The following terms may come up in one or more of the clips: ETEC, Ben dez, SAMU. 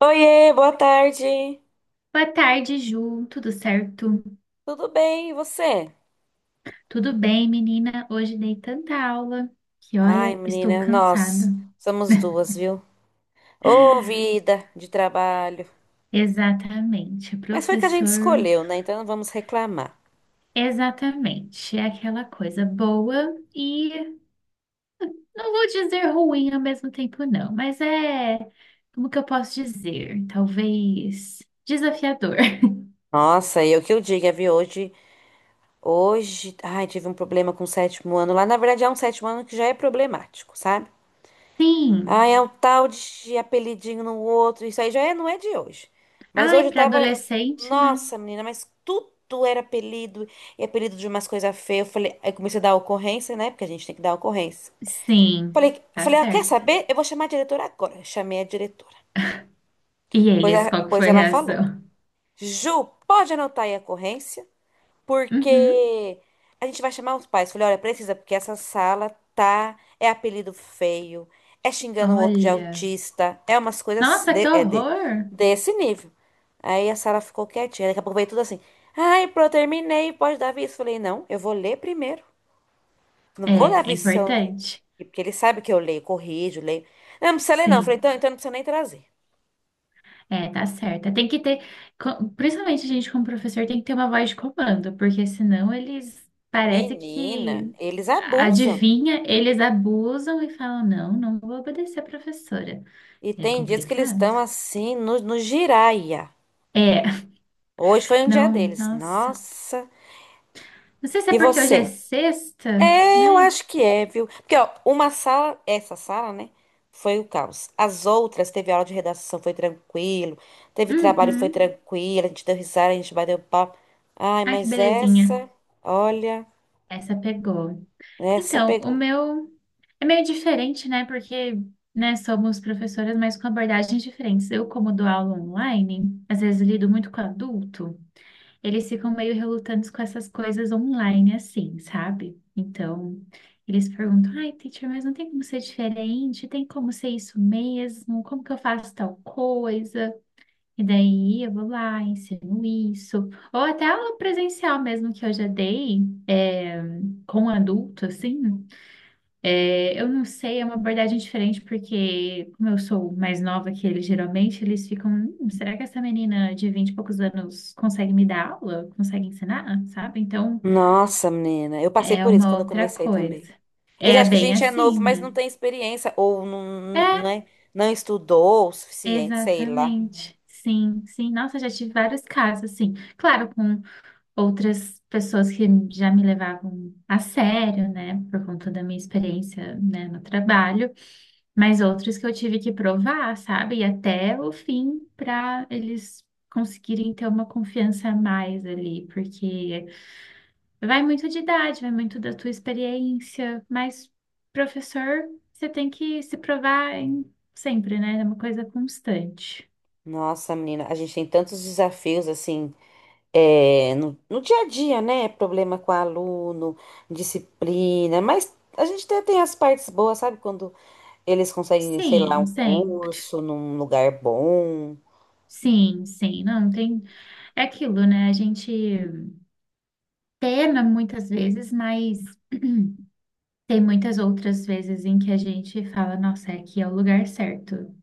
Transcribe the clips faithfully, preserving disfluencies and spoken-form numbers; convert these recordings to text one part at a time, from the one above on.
Oiê, boa tarde. Boa tarde, Ju. Tudo certo? Tudo bem, e você? Tudo bem, menina? Hoje dei tanta aula que, Ai, olha, estou menina, nós cansada. somos duas, viu? Ô, vida de trabalho. Exatamente, Mas foi que a gente professor. escolheu, né? Então não vamos reclamar. Exatamente. É aquela coisa boa e não vou dizer ruim ao mesmo tempo, não, mas é, como que eu posso dizer? Talvez desafiador. Nossa, e o que eu diga, viu? Hoje, hoje, ai, tive um problema com o sétimo ano lá. Na verdade, é um sétimo ano que já é problemático, sabe? Ah, Sim. é um tal de apelidinho no outro. Isso aí já é- não é de hoje. Mas hoje Ai, eu para tava. adolescente, né? Nossa, menina, mas tudo era apelido. E apelido de umas coisas feias. Eu falei, aí comecei a dar ocorrência, né? Porque a gente tem que dar ocorrência. Sim, Falei, tá falei, ah, quer certo. saber? Eu vou chamar a diretora agora. Chamei a diretora. E Pois, eles, a- qual que pois foi a ela falou: reação? Ju, pode anotar aí a ocorrência? Uhum. Porque a gente vai chamar os pais. Falei, olha, precisa, porque essa sala tá. É apelido feio, é xingando o outro de Olha. autista, é umas coisas Nossa, que de- é de- horror! desse nível. Aí a sala ficou quietinha. Daqui a pouco veio tudo assim. Ai, pronto, terminei, pode dar aviso. Falei, não, eu vou ler primeiro. Não vou dar É, é aviso se eu... importante. Porque ele sabe que eu leio, corrijo, leio. Não, não precisa ler, não. Falei, Sim, então, então não precisa nem trazer. é, tá certo. Tem que ter, co- principalmente a gente como professor tem que ter uma voz de comando, porque senão eles parece Menina, que eles abusam. adivinha, eles abusam e falam, não, não vou obedecer a professora. E É tem dias que eles estão complicado. assim, no, no giraia. É, Hoje foi um dia não, deles. nossa. Nossa. Não sei se é E porque hoje é você? sexta, É, eu né? acho que é, viu? Porque, ó, uma sala, essa sala, né? Foi o caos. As outras, teve aula de redação, foi tranquilo. Teve trabalho, foi Uhum. tranquilo. A gente deu risada, a gente bateu papo. Ai, Ai, que mas belezinha. essa, olha, Essa pegou. essa Então, o pegou. meu é meio diferente, né? Porque, né, somos professoras, mas com abordagens diferentes. Eu, como dou aula online, às vezes lido muito com adulto, eles ficam meio relutantes com essas coisas online, assim, sabe? Então, eles perguntam: ai, teacher, mas não tem como ser diferente? Tem como ser isso mesmo? Como que eu faço tal coisa? E daí eu vou lá, ensino isso. Ou até aula presencial mesmo que eu já dei, é, com adulto, assim. É, eu não sei, é uma abordagem diferente, porque como eu sou mais nova que eles, geralmente eles ficam, "Hum, será que essa menina de vinte e poucos anos consegue me dar aula? Consegue ensinar? Sabe? Então Nossa, menina, eu passei é por isso uma quando eu outra comecei também. coisa. Eles É acham que a bem gente é assim, novo, mas né? não tem experiência, ou não, não, É, é, não estudou o suficiente, sei lá. exatamente. Sim, sim. Nossa, já tive vários casos, assim. Claro, com outras pessoas que já me levavam a sério, né? Por conta da minha experiência, né, no trabalho. Mas outros que eu tive que provar, sabe? E até o fim para eles conseguirem ter uma confiança a mais ali, porque vai muito de idade, vai muito da tua experiência, mas professor, você tem que se provar em- sempre, né? É uma coisa constante. Nossa, menina, a gente tem tantos desafios assim, é, no, no dia a dia, né? Problema com aluno, disciplina, mas a gente até tem as partes boas, sabe? Quando eles conseguem, sei lá, um Sim, sempre. curso num lugar bom. Sim, sim, não tem. É aquilo, né? A gente pena muitas vezes, mas tem muitas outras vezes em que a gente fala, nossa, é aqui é o lugar certo,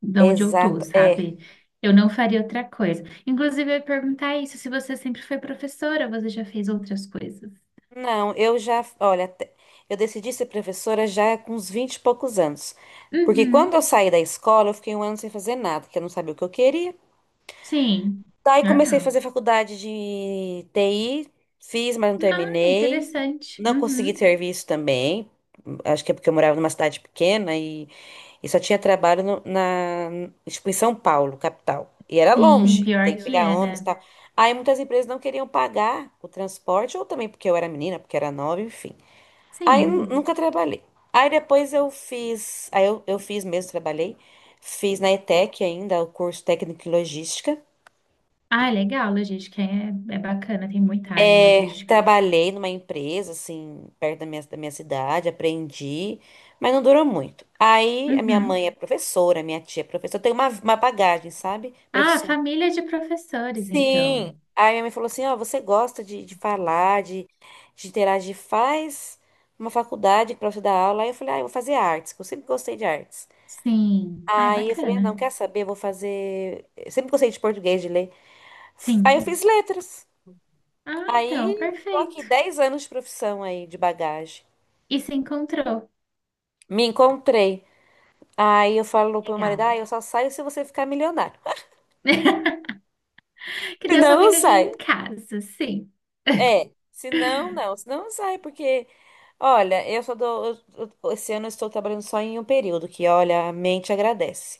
de onde eu tô, Exato, é. sabe? Eu não faria outra coisa. Inclusive, eu ia perguntar isso, se você sempre foi professora, você já fez outras coisas? Não, eu já, olha, até- eu decidi ser professora já com uns vinte e poucos anos. Porque Uhum, quando eu saí da escola, eu fiquei um ano sem fazer nada, porque eu não sabia o que eu queria. sim, Daí comecei a normal. fazer faculdade de T I, fiz, mas não Ah, terminei. interessante. Não consegui Uhum. serviço também. Acho que é porque eu morava numa cidade pequena e, e só tinha trabalho no- na, tipo, em São Paulo, capital. E era Sim, longe. Sim, tem pior que que pegar, é, imagino, ônibus e né? tal. Aí muitas empresas não queriam pagar o transporte, ou também porque eu era menina, porque era nova, enfim. Aí nu- uhum, Sim. nunca trabalhei. Aí depois eu fiz, aí eu, eu fiz mesmo, trabalhei. Fiz na ETEC ainda, o curso técnico em logística. Ah, é legal, logística é, é bacana, tem muita área em É, logística. trabalhei numa empresa, assim, perto da minha, da minha cidade, aprendi, mas não durou muito. Aí a minha Uhum. mãe é, uhum, professora, minha tia é professora, eu tenho uma, uma bagagem, sabe? Ah, Profissional. família de professores, então. Sim. Aí minha mãe falou assim: Ó, você gosta de, de falar, de, de interagir, faz uma faculdade pra você dar aula. Aí eu falei: Ah, eu vou fazer artes, que eu sempre gostei de artes. Sim. Ah, é Aí eu falei: ah, bacana. não, quer saber? Eu vou fazer. Eu sempre gostei de português, de ler. Aí eu Sim. fiz letras. Ah, então, Aí, tô aqui perfeito. dez anos de profissão aí, de bagagem. E se encontrou. Me encontrei. Aí eu falo pro meu marido, Legal. ah, eu só saio se você ficar milionário. Que Se Deus só não, não fica aqui sai. em casa, sim. É, se não, não. Se não, não sai, porque, olha, eu só dou... eu- eu- esse ano eu estou trabalhando só em um período, que, olha, a mente agradece.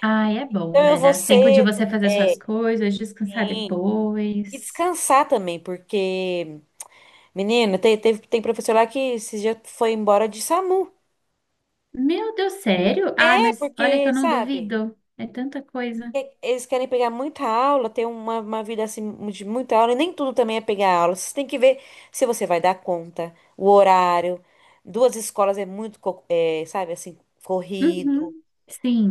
Ah, é bom, Então eu né? vou Dá tempo de cedo, você fazer é, suas coisas, descansar sim. E depois. descansar também, porque, menina, tem, teve- tem professor lá que esse dia foi embora de SAMU. Meu Deus, sério? Ah, É, mas olha que porque, eu não sabe... duvido. É tanta coisa. E- Eles querem pegar muita aula, ter uma, uma vida assim de muita aula, e nem tudo também é pegar aula. Você tem que ver se você vai dar conta, o horário. Duas escolas é muito, co- é, sabe, assim, corrido. Uhum.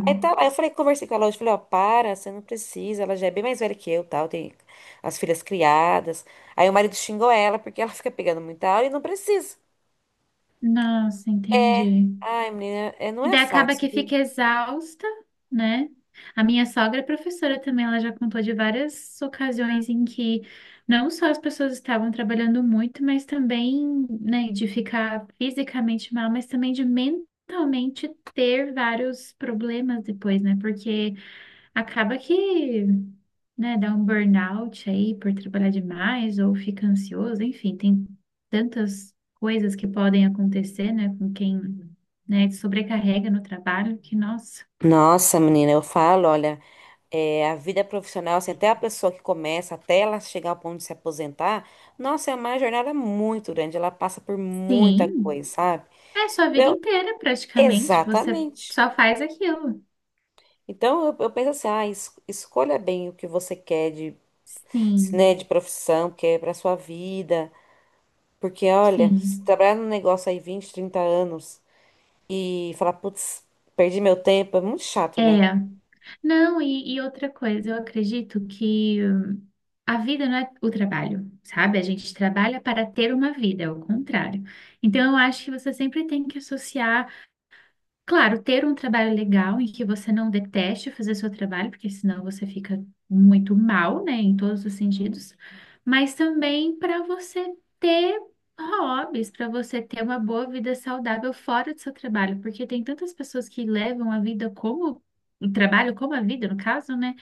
Aí, tá, lá, eu falei, conversei com a Lourdes, falei, ó, para, você não precisa, ela já é bem mais velha que eu, tal, tem as filhas criadas. Aí o marido xingou ela porque ela fica pegando muita aula e não precisa. Nossa, entendi. Ai, menina, é, não E é daí acaba fácil, que viu? fica exausta, né? A minha sogra é professora também, ela já contou de várias ocasiões em que não só as pessoas estavam trabalhando muito, mas também, né, de ficar fisicamente mal, mas também de mentalmente ter vários problemas depois, né? Porque acaba que, né, dá um burnout aí por trabalhar demais ou fica ansioso, enfim, tem tantas coisas que podem acontecer, né, com quem, né, se sobrecarrega no trabalho que, nossa, Nossa, menina, eu falo, olha. É, a vida profissional, assim, até a pessoa que começa, até ela chegar ao ponto de se aposentar, nossa, é uma jornada muito grande, ela passa por muita coisa, sim, sabe? é sua vida Então, inteira praticamente, você exatamente. só faz aquilo. Então, eu, eu penso assim, ah, es- escolha bem o que você quer de, Sim, né, de profissão, que é para sua vida, porque, olha, se sim. trabalhar num negócio aí vinte trinta anos e falar, putz, perdi meu tempo, é muito chato, né? É, não, e, e outra coisa, eu acredito que hum, a vida não é o trabalho, sabe? A gente trabalha para ter uma vida, é o contrário. Então, eu acho que você sempre tem que associar. Claro, ter um trabalho legal em que você não deteste fazer seu trabalho, porque senão você fica muito mal, né, em todos os sentidos, mas também para você ter hobbies, para você ter uma boa vida saudável fora do seu trabalho, porque tem tantas pessoas que levam a vida como o trabalho, como a vida, no caso, né,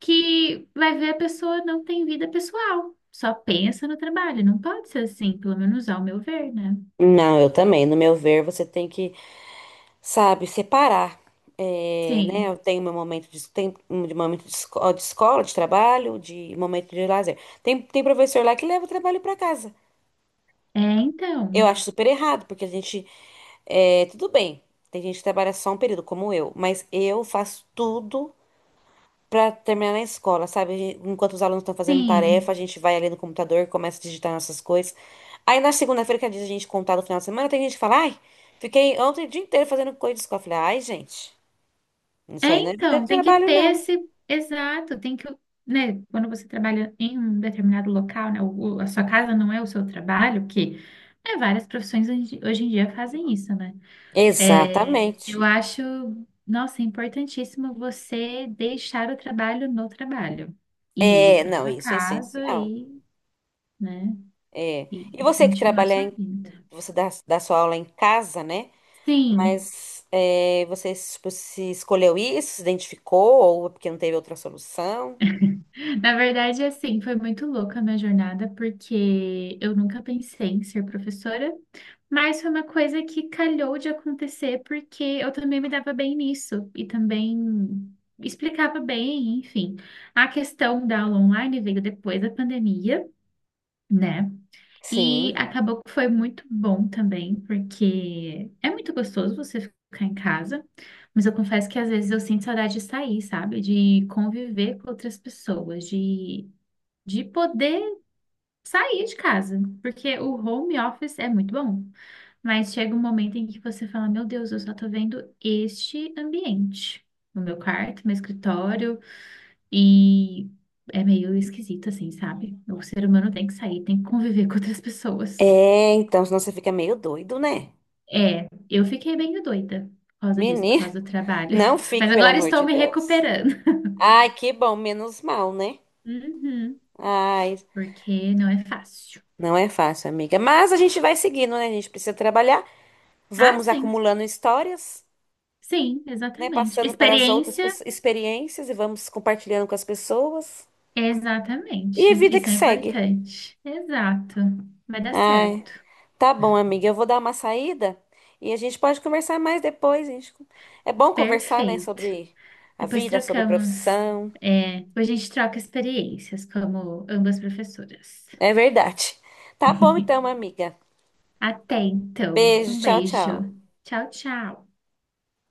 que vai ver a pessoa não tem vida pessoal, só pensa no trabalho. Não pode ser assim, pelo menos ao meu ver, né? Não, eu também. No meu ver, você tem que sabe, separar. É, né, Sim. eu tenho meu momento de, tem, um de momento de, esco- de escola, de trabalho, de momento de lazer. Tem, tem professor lá que leva o trabalho para casa. É, Eu então. acho super errado, porque a gente. É, tudo bem, tem gente que trabalha só um período, como eu, mas eu faço tudo para terminar na escola, sabe? A gente- Enquanto os alunos estão fazendo Sim. tarefa, a gente vai ali no computador, começa a digitar nossas coisas. Aí na segunda-feira, que é dia de a gente contar no final de semana, tem gente que fala: ai, fiquei ontem o dia inteiro fazendo coisa de escola. Eu falei: ai, gente. Isso É, aí não é vida de então, tem que trabalho, ter não. esse, exato, tem que, né, quando você trabalha em um determinado local, né, o- o- a sua casa não é o seu trabalho, que, né, várias profissões hoje hoje em dia fazem isso, né? É, Exatamente. eu acho, nossa, é importantíssimo você deixar o trabalho no trabalho e ir É, para não, sua isso é casa essencial. e, né, É. E e, e você que continuar trabalha sua em, vida. você dá, dá sua aula em casa, né? Sim, Mas é, você tipo, se escolheu isso, se identificou, ou é porque não teve outra solução? na verdade, assim, foi muito louca a minha jornada, porque eu nunca pensei em ser professora. Mas foi uma coisa que calhou de acontecer porque eu também me dava bem nisso e também explicava bem, enfim. A questão da aula online veio depois da pandemia, né? E Sim. acabou que foi muito bom também, porque é muito gostoso você ficar em casa, mas eu confesso que às vezes eu sinto saudade de sair, sabe? De conviver com outras pessoas, de, de poder sair de casa, porque o home office é muito bom. Mas chega um momento em que você fala, meu Deus, eu só tô vendo este ambiente. O meu quarto, meu escritório, e é meio esquisito, assim, sabe? O ser humano tem que sair, tem que conviver com outras pessoas. É, então, senão você fica meio doido, né? É, eu fiquei bem doida por causa disso, por Menino, causa do trabalho. não fique, Mas pelo agora amor estou de me Deus. recuperando. Ai, que bom, menos mal, né? Uhum, Ai, porque não é fácil. não é fácil, amiga. Mas a gente vai seguindo, né? A gente precisa trabalhar. Ah, Vamos sim. acumulando histórias, Sim, né? exatamente. Passando para as outras Experiência, pesso- experiências e vamos compartilhando com as pessoas. E a exatamente. vida que Isso é segue. importante. Exato. Vai dar Ai, certo. tá bom, amiga. Eu vou dar uma saída e a gente pode conversar mais depois. a gente- É bom conversar, né? Perfeito. Sobre a Depois vida, sobre trocamos. profissão. É, depois a gente troca experiências como ambas professoras. É verdade. Tá bom então, amiga. Até então. Beijo, Um tchau, tchau. beijo. Tchau, tchau.